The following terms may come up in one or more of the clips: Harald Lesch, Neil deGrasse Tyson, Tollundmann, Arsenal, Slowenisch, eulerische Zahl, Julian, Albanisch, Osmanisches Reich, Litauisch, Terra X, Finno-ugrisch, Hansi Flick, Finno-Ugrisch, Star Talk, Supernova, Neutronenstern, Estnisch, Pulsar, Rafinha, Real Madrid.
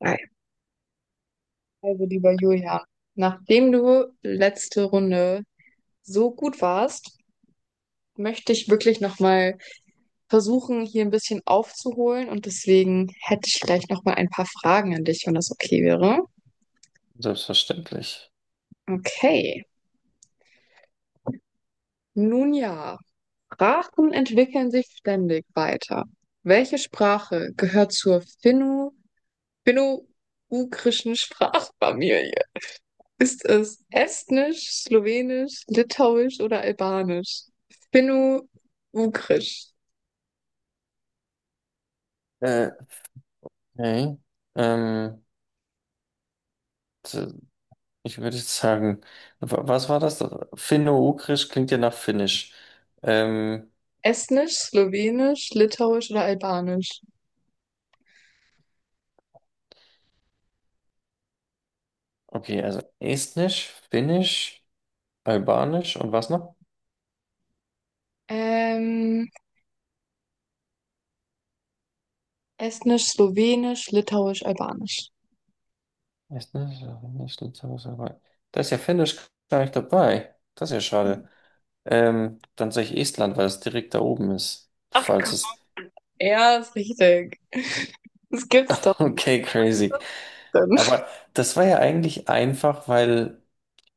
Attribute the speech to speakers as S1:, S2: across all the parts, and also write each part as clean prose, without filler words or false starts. S1: Ei. Also, lieber Julian, nachdem du letzte Runde so gut warst, möchte ich wirklich nochmal versuchen, hier ein bisschen aufzuholen, und deswegen hätte ich vielleicht nochmal ein paar Fragen an dich, wenn das okay wäre.
S2: Selbstverständlich.
S1: Okay. Nun ja, Sprachen entwickeln sich ständig weiter. Welche Sprache gehört zur finno-ugrischen Sprachfamilie? Ist es Estnisch, Slowenisch, Litauisch oder Albanisch? Finno Ugrisch.
S2: Äh, okay. Ähm, t- Ich würde jetzt sagen, was war das? Finno-Ugrisch klingt ja nach Finnisch. Ähm,
S1: Estnisch, Slowenisch, Litauisch oder Albanisch?
S2: okay, also Estnisch, Finnisch, Albanisch und was noch?
S1: Ähm, Estnisch, Slowenisch, Litauisch, Albanisch.
S2: Estnisch, Albanisch, Litauisch, Albanisch. Da ist ja Finnisch gar nicht dabei. Das ist ja schade. Dann sage ich Estland, weil es direkt da oben ist.
S1: Ach
S2: Falls
S1: Gott.
S2: es.
S1: Ja, ist richtig. Das gibt's doch nicht.
S2: Okay, crazy.
S1: Dann.
S2: Aber das war ja eigentlich einfach, weil,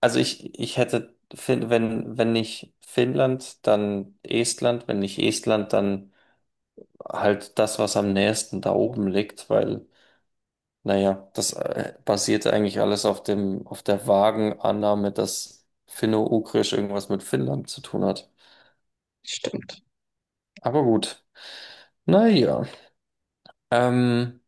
S2: also ich hätte, wenn, wenn nicht Finnland, dann Estland, wenn nicht Estland, dann halt das, was am nächsten da oben liegt, weil, naja, das basierte eigentlich alles auf dem, auf der vagen Annahme, dass Finno-Ugrisch irgendwas mit Finnland zu tun hat.
S1: Stimmt.
S2: Aber gut, naja. Ähm,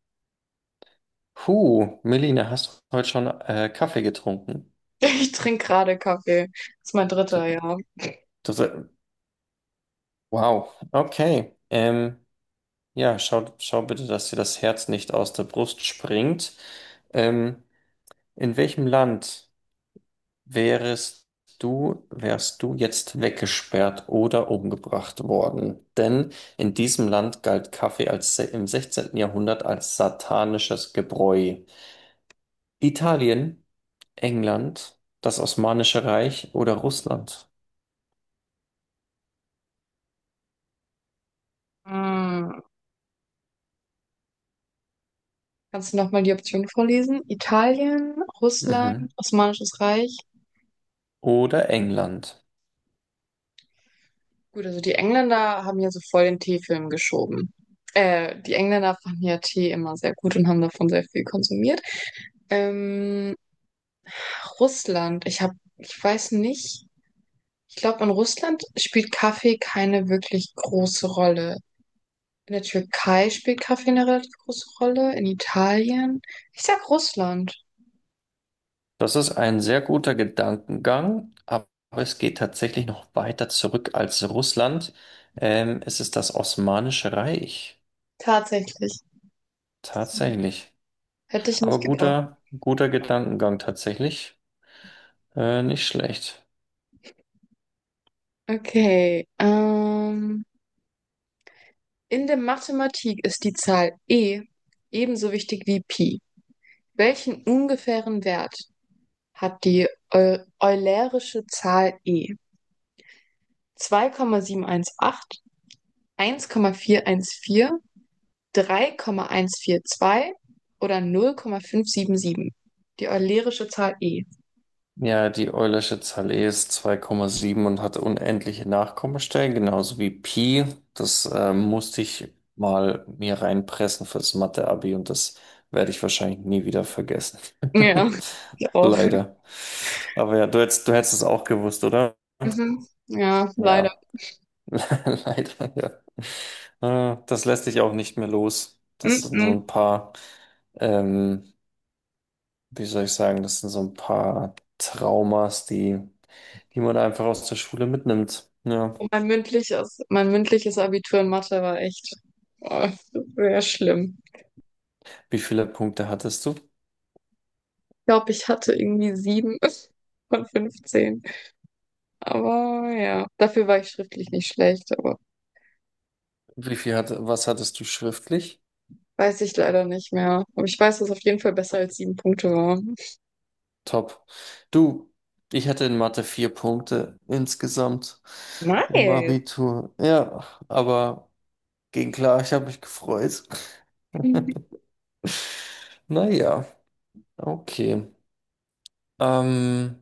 S2: Puh, Melina, hast du heute schon Kaffee getrunken?
S1: Ich trinke gerade Kaffee. Das ist mein
S2: Das,
S1: dritter, ja.
S2: das, wow, okay. Ja, schau bitte, dass dir das Herz nicht aus der Brust springt. Ähm, in welchem Land wärest wärst du jetzt weggesperrt oder umgebracht worden? Denn in diesem Land galt Kaffee im 16. Jahrhundert als satanisches Gebräu. Italien, England, das Osmanische Reich oder Russland?
S1: Hm. Kannst du nochmal die Option vorlesen? Italien, Russland,
S2: Mhm.
S1: Osmanisches Reich.
S2: Oder England.
S1: Gut, also die Engländer haben ja so voll den Teefilm geschoben. Die Engländer fanden ja Tee immer sehr gut und haben davon sehr viel konsumiert. Ähm, Russland, ich weiß nicht, ich glaube, in Russland spielt Kaffee keine wirklich große Rolle. In der Türkei spielt Kaffee eine relativ große Rolle, in Italien. Ich sag Russland,
S2: Das ist ein sehr guter Gedankengang, aber es geht tatsächlich noch weiter zurück als Russland. Es ist das Osmanische Reich.
S1: tatsächlich.
S2: Tatsächlich.
S1: Hätte ich nicht
S2: Aber
S1: gedacht.
S2: guter Gedankengang tatsächlich. Nicht schlecht.
S1: Okay, in der Mathematik ist die Zahl E ebenso wichtig wie Pi. Welchen ungefähren Wert hat die Eu eulerische Zahl e? 2,718, 1,414, 3,142 oder 0,577? Die eulerische Zahl e.
S2: Ja, die Eulersche Zahl E ist 2,7 und hat unendliche Nachkommastellen, genauso wie Pi. Das musste ich mal mir reinpressen fürs Mathe-Abi, und das werde ich wahrscheinlich nie wieder vergessen.
S1: Ja, ich auch.
S2: Leider. Aber ja, du hättest es auch gewusst, oder?
S1: Mhm. Ja, leider.
S2: Ja, leider, ja. Das lässt dich auch nicht mehr los. Das sind so
S1: Mhm.
S2: ein paar, ähm, wie soll ich sagen, das sind so ein paar Traumas, die man einfach aus der Schule mitnimmt. Ja.
S1: Mein mündliches Abitur in Mathe war echt, oh, sehr schlimm.
S2: Wie viele Punkte hattest du?
S1: Ich glaube, ich hatte irgendwie sieben von 15. Aber ja, dafür war ich schriftlich nicht schlecht, aber
S2: Wie viel hat, was hattest du schriftlich?
S1: weiß ich leider nicht mehr. Aber ich weiß, dass es auf jeden Fall besser als sieben Punkte war.
S2: Top. Du, ich hatte in Mathe vier Punkte insgesamt im
S1: Nice.
S2: Abitur. Ja, aber ging klar, ich habe mich gefreut.
S1: Ich
S2: Naja, okay. Ähm,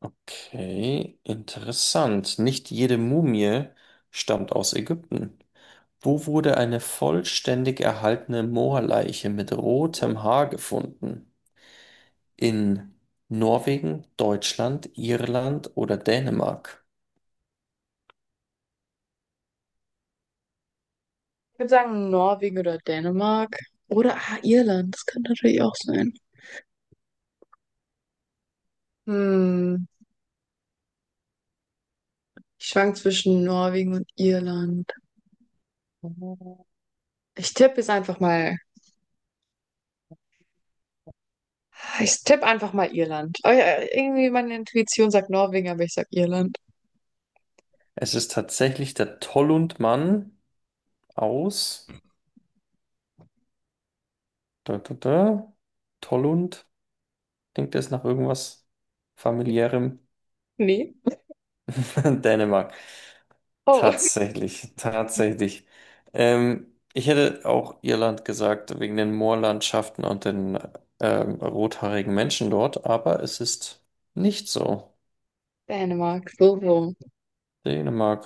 S2: Okay, interessant. Nicht jede Mumie stammt aus Ägypten. Wo wurde eine vollständig erhaltene Moorleiche mit rotem Haar gefunden? In Norwegen, Deutschland, Irland oder Dänemark?
S1: würde sagen Norwegen oder Dänemark. Oder ah, Irland, das könnte natürlich auch sein. Hm, ich schwank zwischen Norwegen und Irland. Ich tippe jetzt einfach mal. Ich tippe einfach mal Irland. Oh ja, irgendwie meine Intuition sagt Norwegen, aber ich sag Irland.
S2: Es ist tatsächlich der Tollundmann aus. Da. Tollund. Klingt das nach irgendwas familiärem?
S1: Nee.
S2: Dänemark.
S1: Oh,
S2: Tatsächlich. Ich hätte auch Irland gesagt, wegen den Moorlandschaften und den rothaarigen Menschen dort, aber es ist nicht so.
S1: Dänemark, so, so.
S2: Dänemark.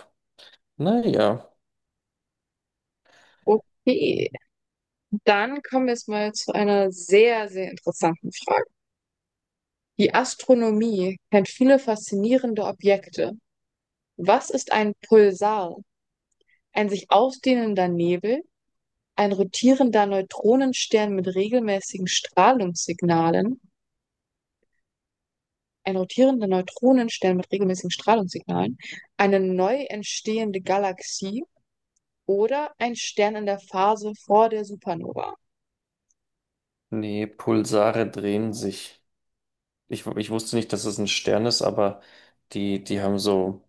S2: Naja.
S1: Okay. Dann kommen wir jetzt mal zu einer sehr, sehr interessanten Frage. Die Astronomie kennt viele faszinierende Objekte. Was ist ein Pulsar? Ein sich ausdehnender Nebel, ein rotierender Neutronenstern mit regelmäßigen Strahlungssignalen, ein rotierender Neutronenstern mit regelmäßigen Strahlungssignalen, eine neu entstehende Galaxie oder ein Stern in der Phase vor der Supernova?
S2: Nee, Pulsare drehen sich. Ich wusste nicht, dass es ein Stern ist, aber die haben so.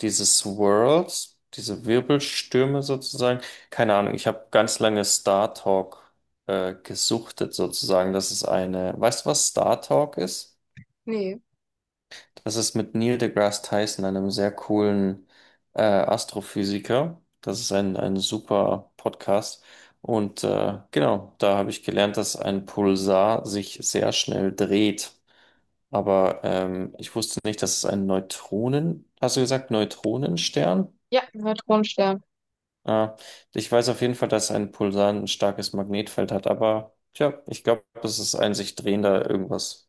S2: Diese Swirls, diese Wirbelstürme sozusagen. Keine Ahnung, ich habe ganz lange Star Talk gesuchtet sozusagen. Das ist eine, weißt du, was Star Talk ist?
S1: Nee.
S2: Das ist mit Neil deGrasse Tyson, einem sehr coolen Astrophysiker. Das ist ein super Podcast. Und genau, da habe ich gelernt, dass ein Pulsar sich sehr schnell dreht. Aber ich wusste nicht, dass es ein hast du gesagt, Neutronenstern?
S1: Ja, Neutronenstern.
S2: Ja, ich weiß auf jeden Fall, dass ein Pulsar ein starkes Magnetfeld hat, aber tja, ich glaube, das ist ein sich drehender irgendwas.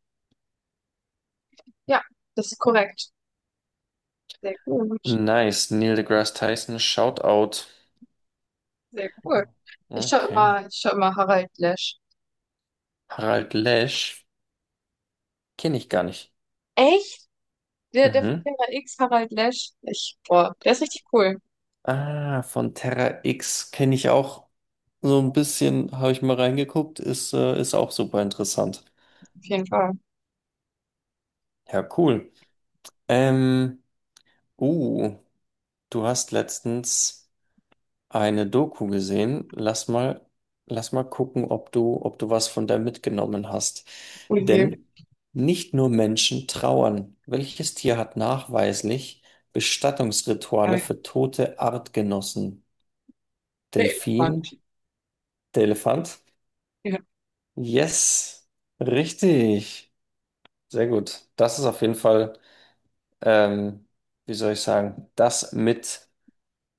S1: Ja, das ist korrekt. Sehr gut.
S2: Nice, Neil deGrasse Tyson, Shoutout.
S1: Sehr cool. Ich schaue
S2: Okay.
S1: immer, ich schau immer Harald Lesch.
S2: Harald Lesch, kenne ich gar nicht.
S1: Echt? Der, der von
S2: Mhm.
S1: Terra X, Harald Lesch. Ich, boah, der ist richtig cool.
S2: Ah, von Terra X kenne ich auch so ein bisschen, habe ich mal reingeguckt, ist, ist auch super interessant.
S1: Auf jeden Fall.
S2: Ja, cool. Ähm, uh, Du hast letztens eine Doku gesehen. Lass mal gucken, ob ob du was von der mitgenommen hast.
S1: Oh je.
S2: Denn nicht nur Menschen trauern. Welches Tier hat nachweislich Bestattungsrituale
S1: Äh,
S2: für tote Artgenossen?
S1: Der
S2: Delfin,
S1: Elefant.
S2: der Elefant?
S1: Ja,
S2: Yes, richtig. Sehr gut. Das ist auf jeden Fall, ähm, wie soll ich sagen, das mit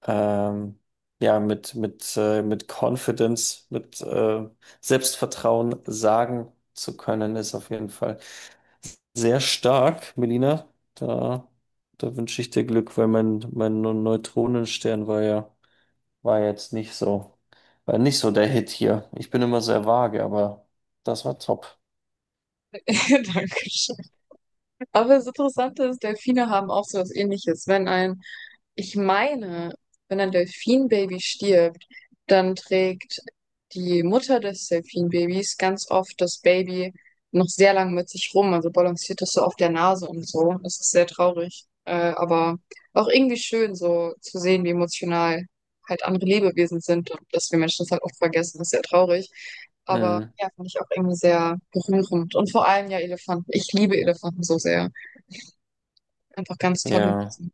S2: ähm, ja, mit Confidence, mit Selbstvertrauen sagen zu können, ist auf jeden Fall sehr stark, Melina. Da, Da wünsche ich dir Glück, weil mein Neutronenstern war ja, war jetzt nicht so, war nicht so der Hit hier. Ich bin immer sehr vage, aber das war top.
S1: danke. Aber das Interessante ist, Delfine haben auch so was Ähnliches. Wenn ein, ich meine, wenn ein Delfinbaby stirbt, dann trägt die Mutter des Delfinbabys ganz oft das Baby noch sehr lang mit sich rum, also balanciert es so auf der Nase und so. Das ist sehr traurig, aber auch irgendwie schön, so zu sehen, wie emotional halt andere Lebewesen sind, und dass wir Menschen das halt oft vergessen. Das ist sehr traurig. Aber
S2: Mhm.
S1: ja, fand ich auch irgendwie sehr berührend. Und vor allem ja Elefanten. Ich liebe Elefanten so sehr. Einfach ganz tolle
S2: Ja.
S1: Sachen.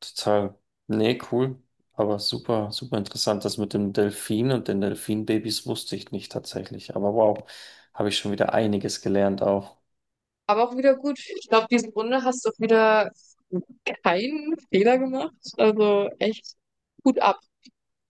S2: Total. Nee, cool. Aber super interessant. Das mit dem Delfin und den Delfinbabys wusste ich nicht tatsächlich. Aber wow, habe ich schon wieder einiges gelernt auch.
S1: Aber auch wieder gut. Ich glaube, diese Runde hast du auch wieder keinen Fehler gemacht. Also echt gut ab.